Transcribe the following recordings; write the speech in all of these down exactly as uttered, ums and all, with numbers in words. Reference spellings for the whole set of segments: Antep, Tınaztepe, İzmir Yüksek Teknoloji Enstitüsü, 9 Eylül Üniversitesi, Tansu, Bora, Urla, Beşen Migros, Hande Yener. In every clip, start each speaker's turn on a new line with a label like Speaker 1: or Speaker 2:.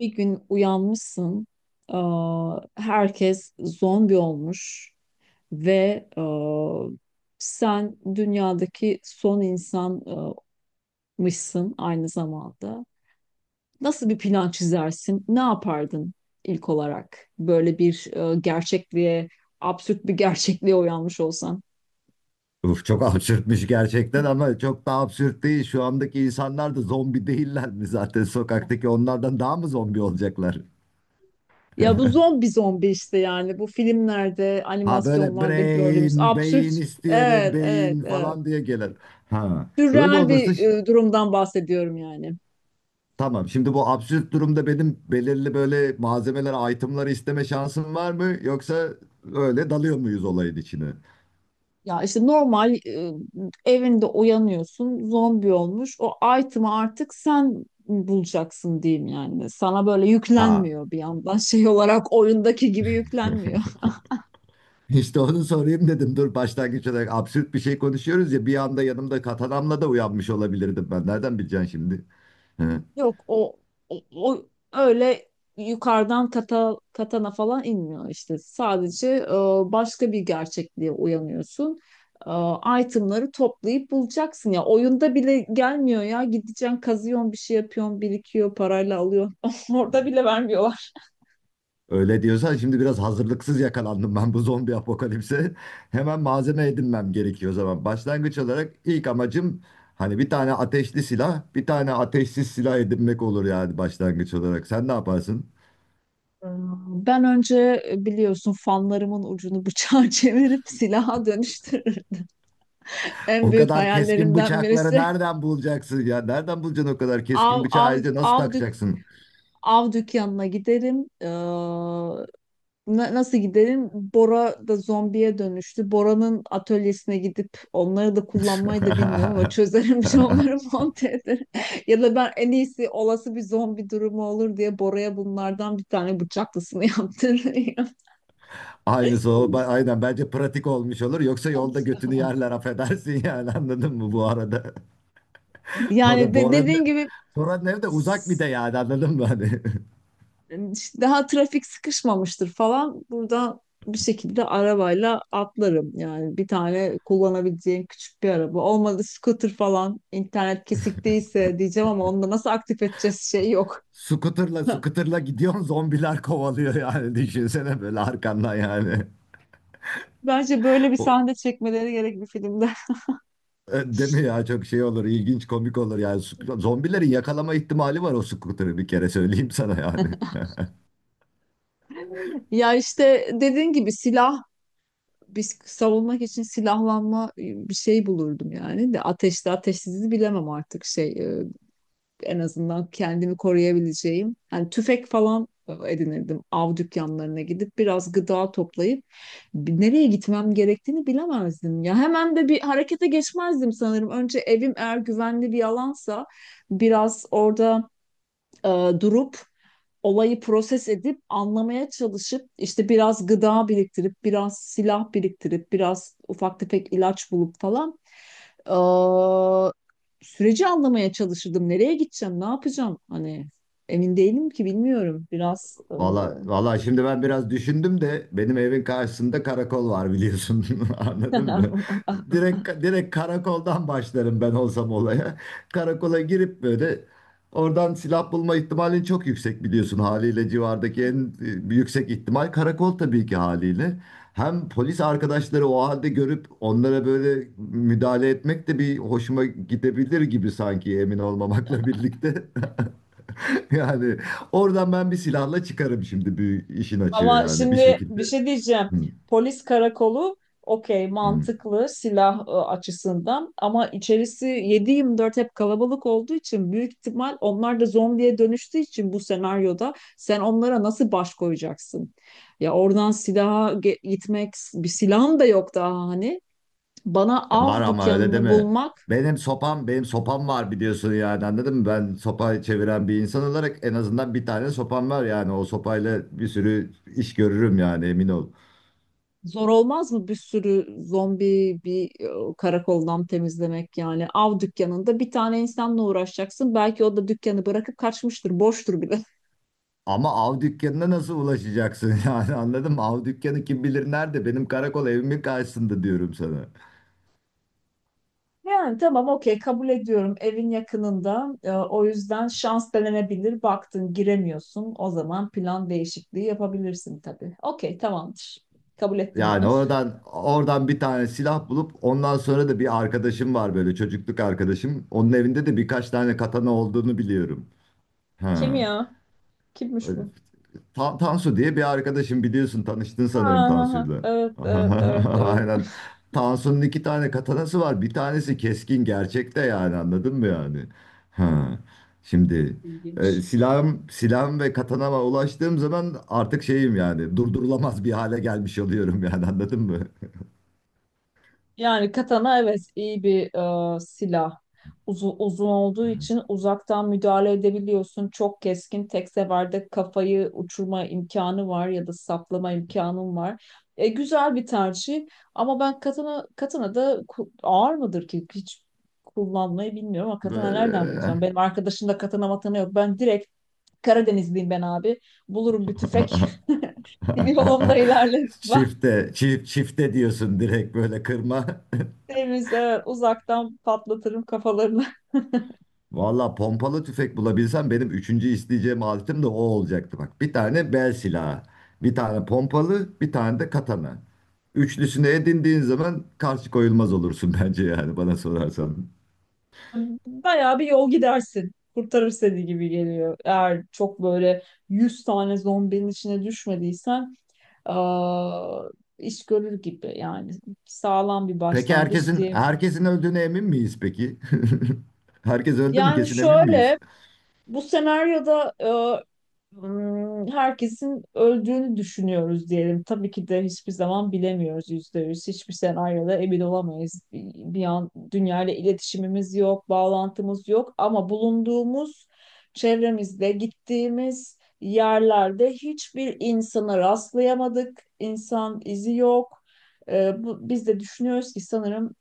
Speaker 1: Bir gün uyanmışsın, aa, herkes zombi olmuş ve aa, sen dünyadaki son insanmışsın aynı zamanda. Nasıl bir plan çizersin? Ne yapardın ilk olarak? Böyle bir aa, gerçekliğe, absürt bir gerçekliğe uyanmış olsan.
Speaker 2: Uf, çok absürtmüş gerçekten ama çok da absürt değil. Şu andaki insanlar da zombi değiller mi zaten sokaktaki onlardan daha mı zombi olacaklar?
Speaker 1: Ya bu zombi zombi işte yani bu filmlerde,
Speaker 2: Ha böyle
Speaker 1: animasyonlarda gördüğümüz
Speaker 2: brain,
Speaker 1: absürt.
Speaker 2: beyin istiyorum,
Speaker 1: Evet, evet,
Speaker 2: beyin
Speaker 1: evet.
Speaker 2: falan diye gelir. Ha öyle
Speaker 1: Sürreal
Speaker 2: olursa
Speaker 1: bir
Speaker 2: ş-
Speaker 1: e, durumdan bahsediyorum yani.
Speaker 2: tamam. Şimdi bu absürt durumda benim belirli böyle malzemeler, itemları isteme şansım var mı? Yoksa öyle dalıyor muyuz olayın içine?
Speaker 1: Ya işte normal e, evinde uyanıyorsun, zombi olmuş. O item'ı artık sen bulacaksın diyeyim yani. Sana böyle
Speaker 2: Ha,
Speaker 1: yüklenmiyor bir yandan şey olarak oyundaki gibi yüklenmiyor.
Speaker 2: İşte onu sorayım dedim. Dur, başlangıç olarak absürt bir şey konuşuyoruz ya, bir anda yanımda katanamla da uyanmış olabilirdim ben. Nereden bileceksin şimdi? Hı.
Speaker 1: Yok o, o, o öyle yukarıdan kata, katana falan inmiyor işte. Sadece e, başka bir gerçekliğe uyanıyorsun. E, itemları toplayıp bulacaksın ya. Oyunda bile gelmiyor ya. Gideceksin, kazıyorsun, bir şey yapıyorsun, birikiyor, parayla alıyorsun. Orada bile vermiyorlar.
Speaker 2: Öyle diyorsan şimdi biraz hazırlıksız yakalandım ben bu zombi apokalipse. Hemen malzeme edinmem gerekiyor o zaman. Başlangıç olarak ilk amacım hani bir tane ateşli silah, bir tane ateşsiz silah edinmek olur yani, başlangıç olarak. Sen ne yaparsın?
Speaker 1: Ee, Ben önce e, biliyorsun fanlarımın ucunu bıçağa çevirip silaha dönüştürürdüm. En
Speaker 2: O
Speaker 1: büyük
Speaker 2: kadar keskin
Speaker 1: hayallerimden
Speaker 2: bıçakları
Speaker 1: birisi
Speaker 2: nereden bulacaksın ya? Nereden bulacaksın o kadar keskin
Speaker 1: av
Speaker 2: bıçağı,
Speaker 1: av
Speaker 2: ayrıca nasıl
Speaker 1: av dük
Speaker 2: takacaksın?
Speaker 1: av dükkanına giderim. Ee, na- nasıl giderim? Bora da zombiye dönüştü. Bora'nın atölyesine gidip onları da kullanmayı da bilmiyorum ama çözerim bir şey onları monte ederim. Ya da ben en iyisi olası bir zombi durumu olur diye Bora'ya bunlardan bir tane bıçaklısını yaptırırım.
Speaker 2: Aynısı o. Ba- Aynen, bence pratik olmuş olur. Yoksa yolda götünü yerler, affedersin, yani anladın mı bu arada?
Speaker 1: Yani
Speaker 2: Orada
Speaker 1: de,
Speaker 2: Bora'nın
Speaker 1: dediğin gibi
Speaker 2: Bora'nın evi de uzak bir de,
Speaker 1: s-
Speaker 2: yani anladın mı hani?
Speaker 1: e, daha trafik sıkışmamıştır falan. Buradan bir şekilde arabayla atlarım. Yani bir tane kullanabileceğim küçük bir araba. Olmadı scooter falan. İnternet kesik değilse diyeceğim ama onu da nasıl aktif edeceğiz şey yok.
Speaker 2: Scooter'la scooter'la gidiyorsun, zombiler kovalıyor yani, düşünsene böyle arkandan yani.
Speaker 1: Bence böyle bir
Speaker 2: O,
Speaker 1: sahne çekmeleri gerek bir filmde.
Speaker 2: e, Değil mi ya, çok şey olur, ilginç komik olur yani. Sc- Zombilerin yakalama ihtimali var o scooter'ı, bir kere söyleyeyim sana yani.
Speaker 1: Ya işte dediğin gibi silah biz savunmak için silahlanma ıı, bir şey bulurdum yani de ateşli ateşsizi bilemem artık şey ıı, en azından kendimi koruyabileceğim. Yani tüfek falan edinirdim. Av dükkanlarına gidip biraz gıda toplayıp nereye gitmem gerektiğini bilemezdim ya. Hemen de bir harekete geçmezdim sanırım. Önce evim eğer güvenli bir alansa biraz orada e, durup olayı proses edip anlamaya çalışıp işte biraz gıda biriktirip biraz silah biriktirip biraz ufak tefek ilaç bulup falan e, süreci anlamaya çalışırdım. Nereye gideceğim, ne yapacağım? Hani emin değilim ki bilmiyorum. Biraz
Speaker 2: Valla, valla, şimdi ben biraz düşündüm de benim evin karşısında karakol var, biliyorsun,
Speaker 1: e,
Speaker 2: anladın mı? Direkt direkt karakoldan başlarım ben olsam olaya. Karakola girip böyle oradan silah bulma ihtimalin çok yüksek, biliyorsun, haliyle civardaki en e, yüksek ihtimal karakol tabii ki, haliyle. Hem polis arkadaşları o halde görüp onlara böyle müdahale etmek de bir hoşuma gidebilir gibi sanki, emin olmamakla birlikte. Yani, oradan ben bir silahla çıkarım şimdi, bir işin açığı
Speaker 1: Ama
Speaker 2: yani, bir
Speaker 1: şimdi bir
Speaker 2: şekilde.
Speaker 1: şey diyeceğim.
Speaker 2: Hı,
Speaker 1: Polis karakolu okey,
Speaker 2: hı.
Speaker 1: mantıklı silah e, açısından ama içerisi 7 dört hep kalabalık olduğu için büyük ihtimal onlar da zombiye dönüştüğü için bu senaryoda sen onlara nasıl baş koyacaksın? Ya oradan silaha ge- gitmek, bir silahım da yok daha hani. Bana
Speaker 2: Var
Speaker 1: av
Speaker 2: ama öyle
Speaker 1: dükkanını
Speaker 2: deme.
Speaker 1: bulmak
Speaker 2: Benim sopam, benim sopam var, biliyorsun yani anladın mı? Ben sopayı çeviren bir insan olarak en azından bir tane sopam var yani. O sopayla bir sürü iş görürüm yani, emin ol.
Speaker 1: zor olmaz mı? Bir sürü zombi bir e, karakoldan temizlemek, yani av dükkanında bir tane insanla uğraşacaksın, belki o da dükkanı bırakıp kaçmıştır, boştur bile.
Speaker 2: Ama av dükkanına nasıl ulaşacaksın yani anladın mı? Av dükkanı kim bilir nerede? Benim karakol evimin karşısında diyorum sana.
Speaker 1: Yani tamam, okey, kabul ediyorum, evin yakınında. E, o yüzden şans denenebilir, baktın giremiyorsun, o zaman plan değişikliği yapabilirsin tabii. Okey, tamamdır, kabul ettim
Speaker 2: Yani
Speaker 1: bunu.
Speaker 2: oradan oradan bir tane silah bulup ondan sonra da bir arkadaşım var böyle, çocukluk arkadaşım. Onun evinde de birkaç tane katana olduğunu biliyorum.
Speaker 1: Kim
Speaker 2: Ha.
Speaker 1: ya? Kimmiş bu?
Speaker 2: Ta- Tansu diye bir arkadaşım, biliyorsun, tanıştın
Speaker 1: Ha
Speaker 2: sanırım
Speaker 1: ha ha,
Speaker 2: Tansu'yla.
Speaker 1: evet, evet, evet, evet.
Speaker 2: Aynen. Tansu'nun iki tane katanası var. Bir tanesi keskin gerçekte, yani anladın mı yani? Ha. Şimdi e,
Speaker 1: İlginç.
Speaker 2: silahım, silahım ve katanama ulaştığım zaman artık şeyim yani, durdurulamaz bir hale gelmiş oluyorum yani anladın mı?
Speaker 1: Yani katana evet iyi bir e, silah. Uzu- uzun olduğu için uzaktan müdahale edebiliyorsun. Çok keskin, tek seferde kafayı uçurma imkanı var ya da saplama imkanın var. E, güzel bir tercih ama ben katana katana da ku- ağır mıdır ki, hiç kullanmayı bilmiyorum. Ama katana nereden
Speaker 2: Böyle.
Speaker 1: bulacağım? Benim arkadaşımda katana matana yok. Ben direkt Karadenizliyim ben abi. Bulurum bir tüfek. Yolumda ilerlerim.
Speaker 2: Çifte, çift, çifte diyorsun direkt, böyle kırma.
Speaker 1: Denize uzaktan patlatırım kafalarını.
Speaker 2: Valla, pompalı tüfek bulabilsem benim üçüncü isteyeceğim aletim de o olacaktı bak. Bir tane bel silahı, bir tane pompalı, bir tane de katana. Üçlüsünü edindiğin zaman karşı koyulmaz olursun bence, yani bana sorarsan.
Speaker 1: Bayağı bir yol gidersin. Kurtarır seni gibi geliyor. Eğer çok böyle yüz tane zombinin içine düşmediysen aa, iş görür gibi. Yani sağlam bir
Speaker 2: Peki,
Speaker 1: başlangıç
Speaker 2: herkesin
Speaker 1: diye.
Speaker 2: herkesin öldüğüne emin miyiz peki? Herkes öldü mü,
Speaker 1: Yani
Speaker 2: kesin emin miyiz?
Speaker 1: şöyle bu senaryoda, hmm, herkesin öldüğünü düşünüyoruz diyelim. Tabii ki de hiçbir zaman bilemiyoruz yüzde yüz. Hiçbir senaryoda emin olamayız. Bir bir an dünyayla iletişimimiz yok, bağlantımız yok ama bulunduğumuz çevremizde, gittiğimiz yerlerde hiçbir insana rastlayamadık. İnsan izi yok. Ee, bu, biz de düşünüyoruz ki sanırım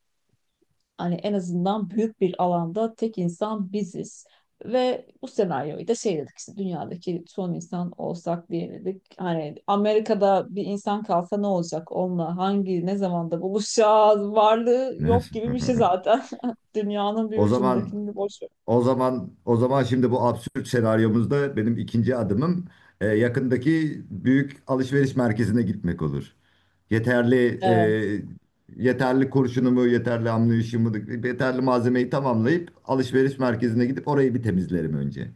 Speaker 1: hani en azından büyük bir alanda tek insan biziz. Ve bu senaryoyu da şey dedik işte, dünyadaki son insan olsak diye dedik. Hani Amerika'da bir insan kalsa ne olacak, onunla hangi ne zamanda buluşacağız, varlığı yok gibi bir şey zaten. Dünyanın bir
Speaker 2: O zaman
Speaker 1: ucundakini boş ver.
Speaker 2: O zaman o zaman şimdi bu absürt senaryomuzda benim ikinci adımım e, yakındaki büyük alışveriş merkezine gitmek olur. Yeterli e,
Speaker 1: Evet.
Speaker 2: Yeterli kurşunumu, yeterli amniyotumu, yeterli malzemeyi tamamlayıp alışveriş merkezine gidip orayı bir temizlerim önce.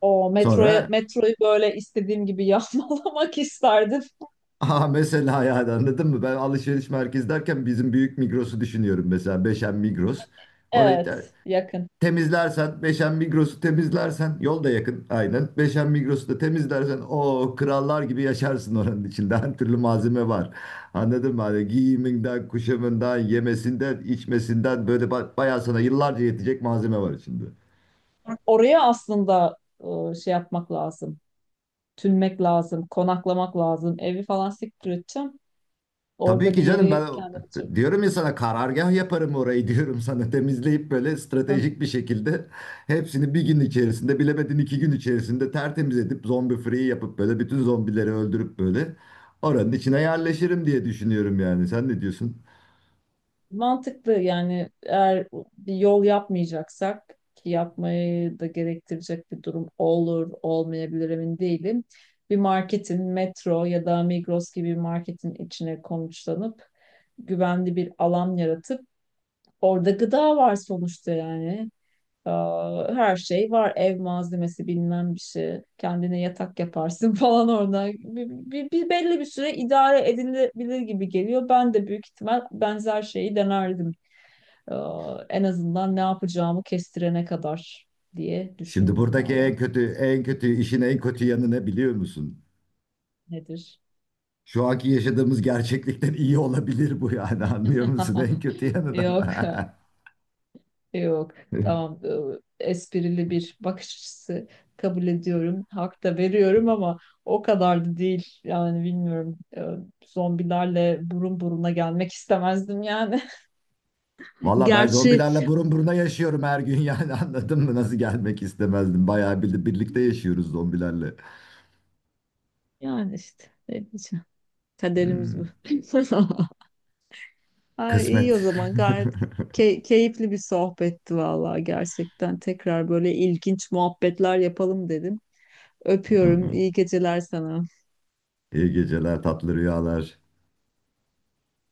Speaker 1: O metroya
Speaker 2: Sonra
Speaker 1: metroyu böyle istediğim gibi yapmalamak isterdim.
Speaker 2: aha, mesela, ya anladın mı? Ben alışveriş merkezi derken bizim büyük Migros'u düşünüyorum, mesela Beşen Migros. Orayı
Speaker 1: Evet,
Speaker 2: da
Speaker 1: yakın.
Speaker 2: temizlersen, Beşen Migros'u temizlersen, yol da yakın, aynen. Beşen Migros'u da temizlersen o krallar gibi yaşarsın oranın içinde. Her türlü malzeme var. Anladın mı? Hani giyiminden, kuşamından, yemesinden, içmesinden böyle ba- bayağı sana yıllarca yetecek malzeme var içinde.
Speaker 1: Oraya aslında e, şey yapmak lazım. Tünmek lazım, konaklamak lazım, evi falan siktir edeceğim.
Speaker 2: Tabii
Speaker 1: Orada bir
Speaker 2: ki canım,
Speaker 1: yeri
Speaker 2: ben
Speaker 1: kendime çek.
Speaker 2: diyorum ya sana, karargah yaparım orayı diyorum sana, temizleyip böyle stratejik bir şekilde hepsini bir gün içerisinde, bilemedin iki gün içerisinde tertemiz edip zombi free yapıp böyle bütün zombileri öldürüp böyle oranın içine yerleşirim diye düşünüyorum yani, sen ne diyorsun?
Speaker 1: Mantıklı yani, eğer bir yol yapmayacaksak ki yapmayı da gerektirecek bir durum olur, olmayabilir, emin değilim. Bir marketin, Metro ya da Migros gibi bir marketin içine konuşlanıp güvenli bir alan yaratıp, orada gıda var sonuçta yani. Aa, Her şey var. Ev malzemesi bilmem bir şey. Kendine yatak yaparsın falan orada. Bir, bir- bir- belli bir süre idare edilebilir gibi geliyor. Ben de büyük ihtimal benzer şeyi denerdim. Aa, En azından ne yapacağımı kestirene kadar diye
Speaker 2: Şimdi
Speaker 1: düşündüm
Speaker 2: buradaki
Speaker 1: valla.
Speaker 2: en kötü en kötü işin en kötü yanı ne biliyor musun?
Speaker 1: Nedir?
Speaker 2: Şu anki yaşadığımız gerçeklikten iyi olabilir bu yani, anlıyor musun? En kötü yanı da.
Speaker 1: Yok. Yok, tamam. e, Esprili bir bakış açısı, kabul ediyorum. Hak da veriyorum ama o kadar da değil. Yani bilmiyorum. e, Zombilerle burun buruna gelmek istemezdim yani.
Speaker 2: Valla ben
Speaker 1: Gerçi
Speaker 2: zombilerle burun buruna yaşıyorum her gün yani, anladın mı? Nasıl gelmek istemezdim. Bayağı bir, birlikte yaşıyoruz zombilerle.
Speaker 1: yani işte ne diyeceğim. Kaderimiz bu.
Speaker 2: Hmm.
Speaker 1: Ay, iyi o
Speaker 2: Kısmet.
Speaker 1: zaman, gayet key- keyifli bir sohbetti vallahi gerçekten. Tekrar böyle ilginç muhabbetler yapalım dedim. Öpüyorum. İyi geceler sana.
Speaker 2: İyi geceler, tatlı rüyalar.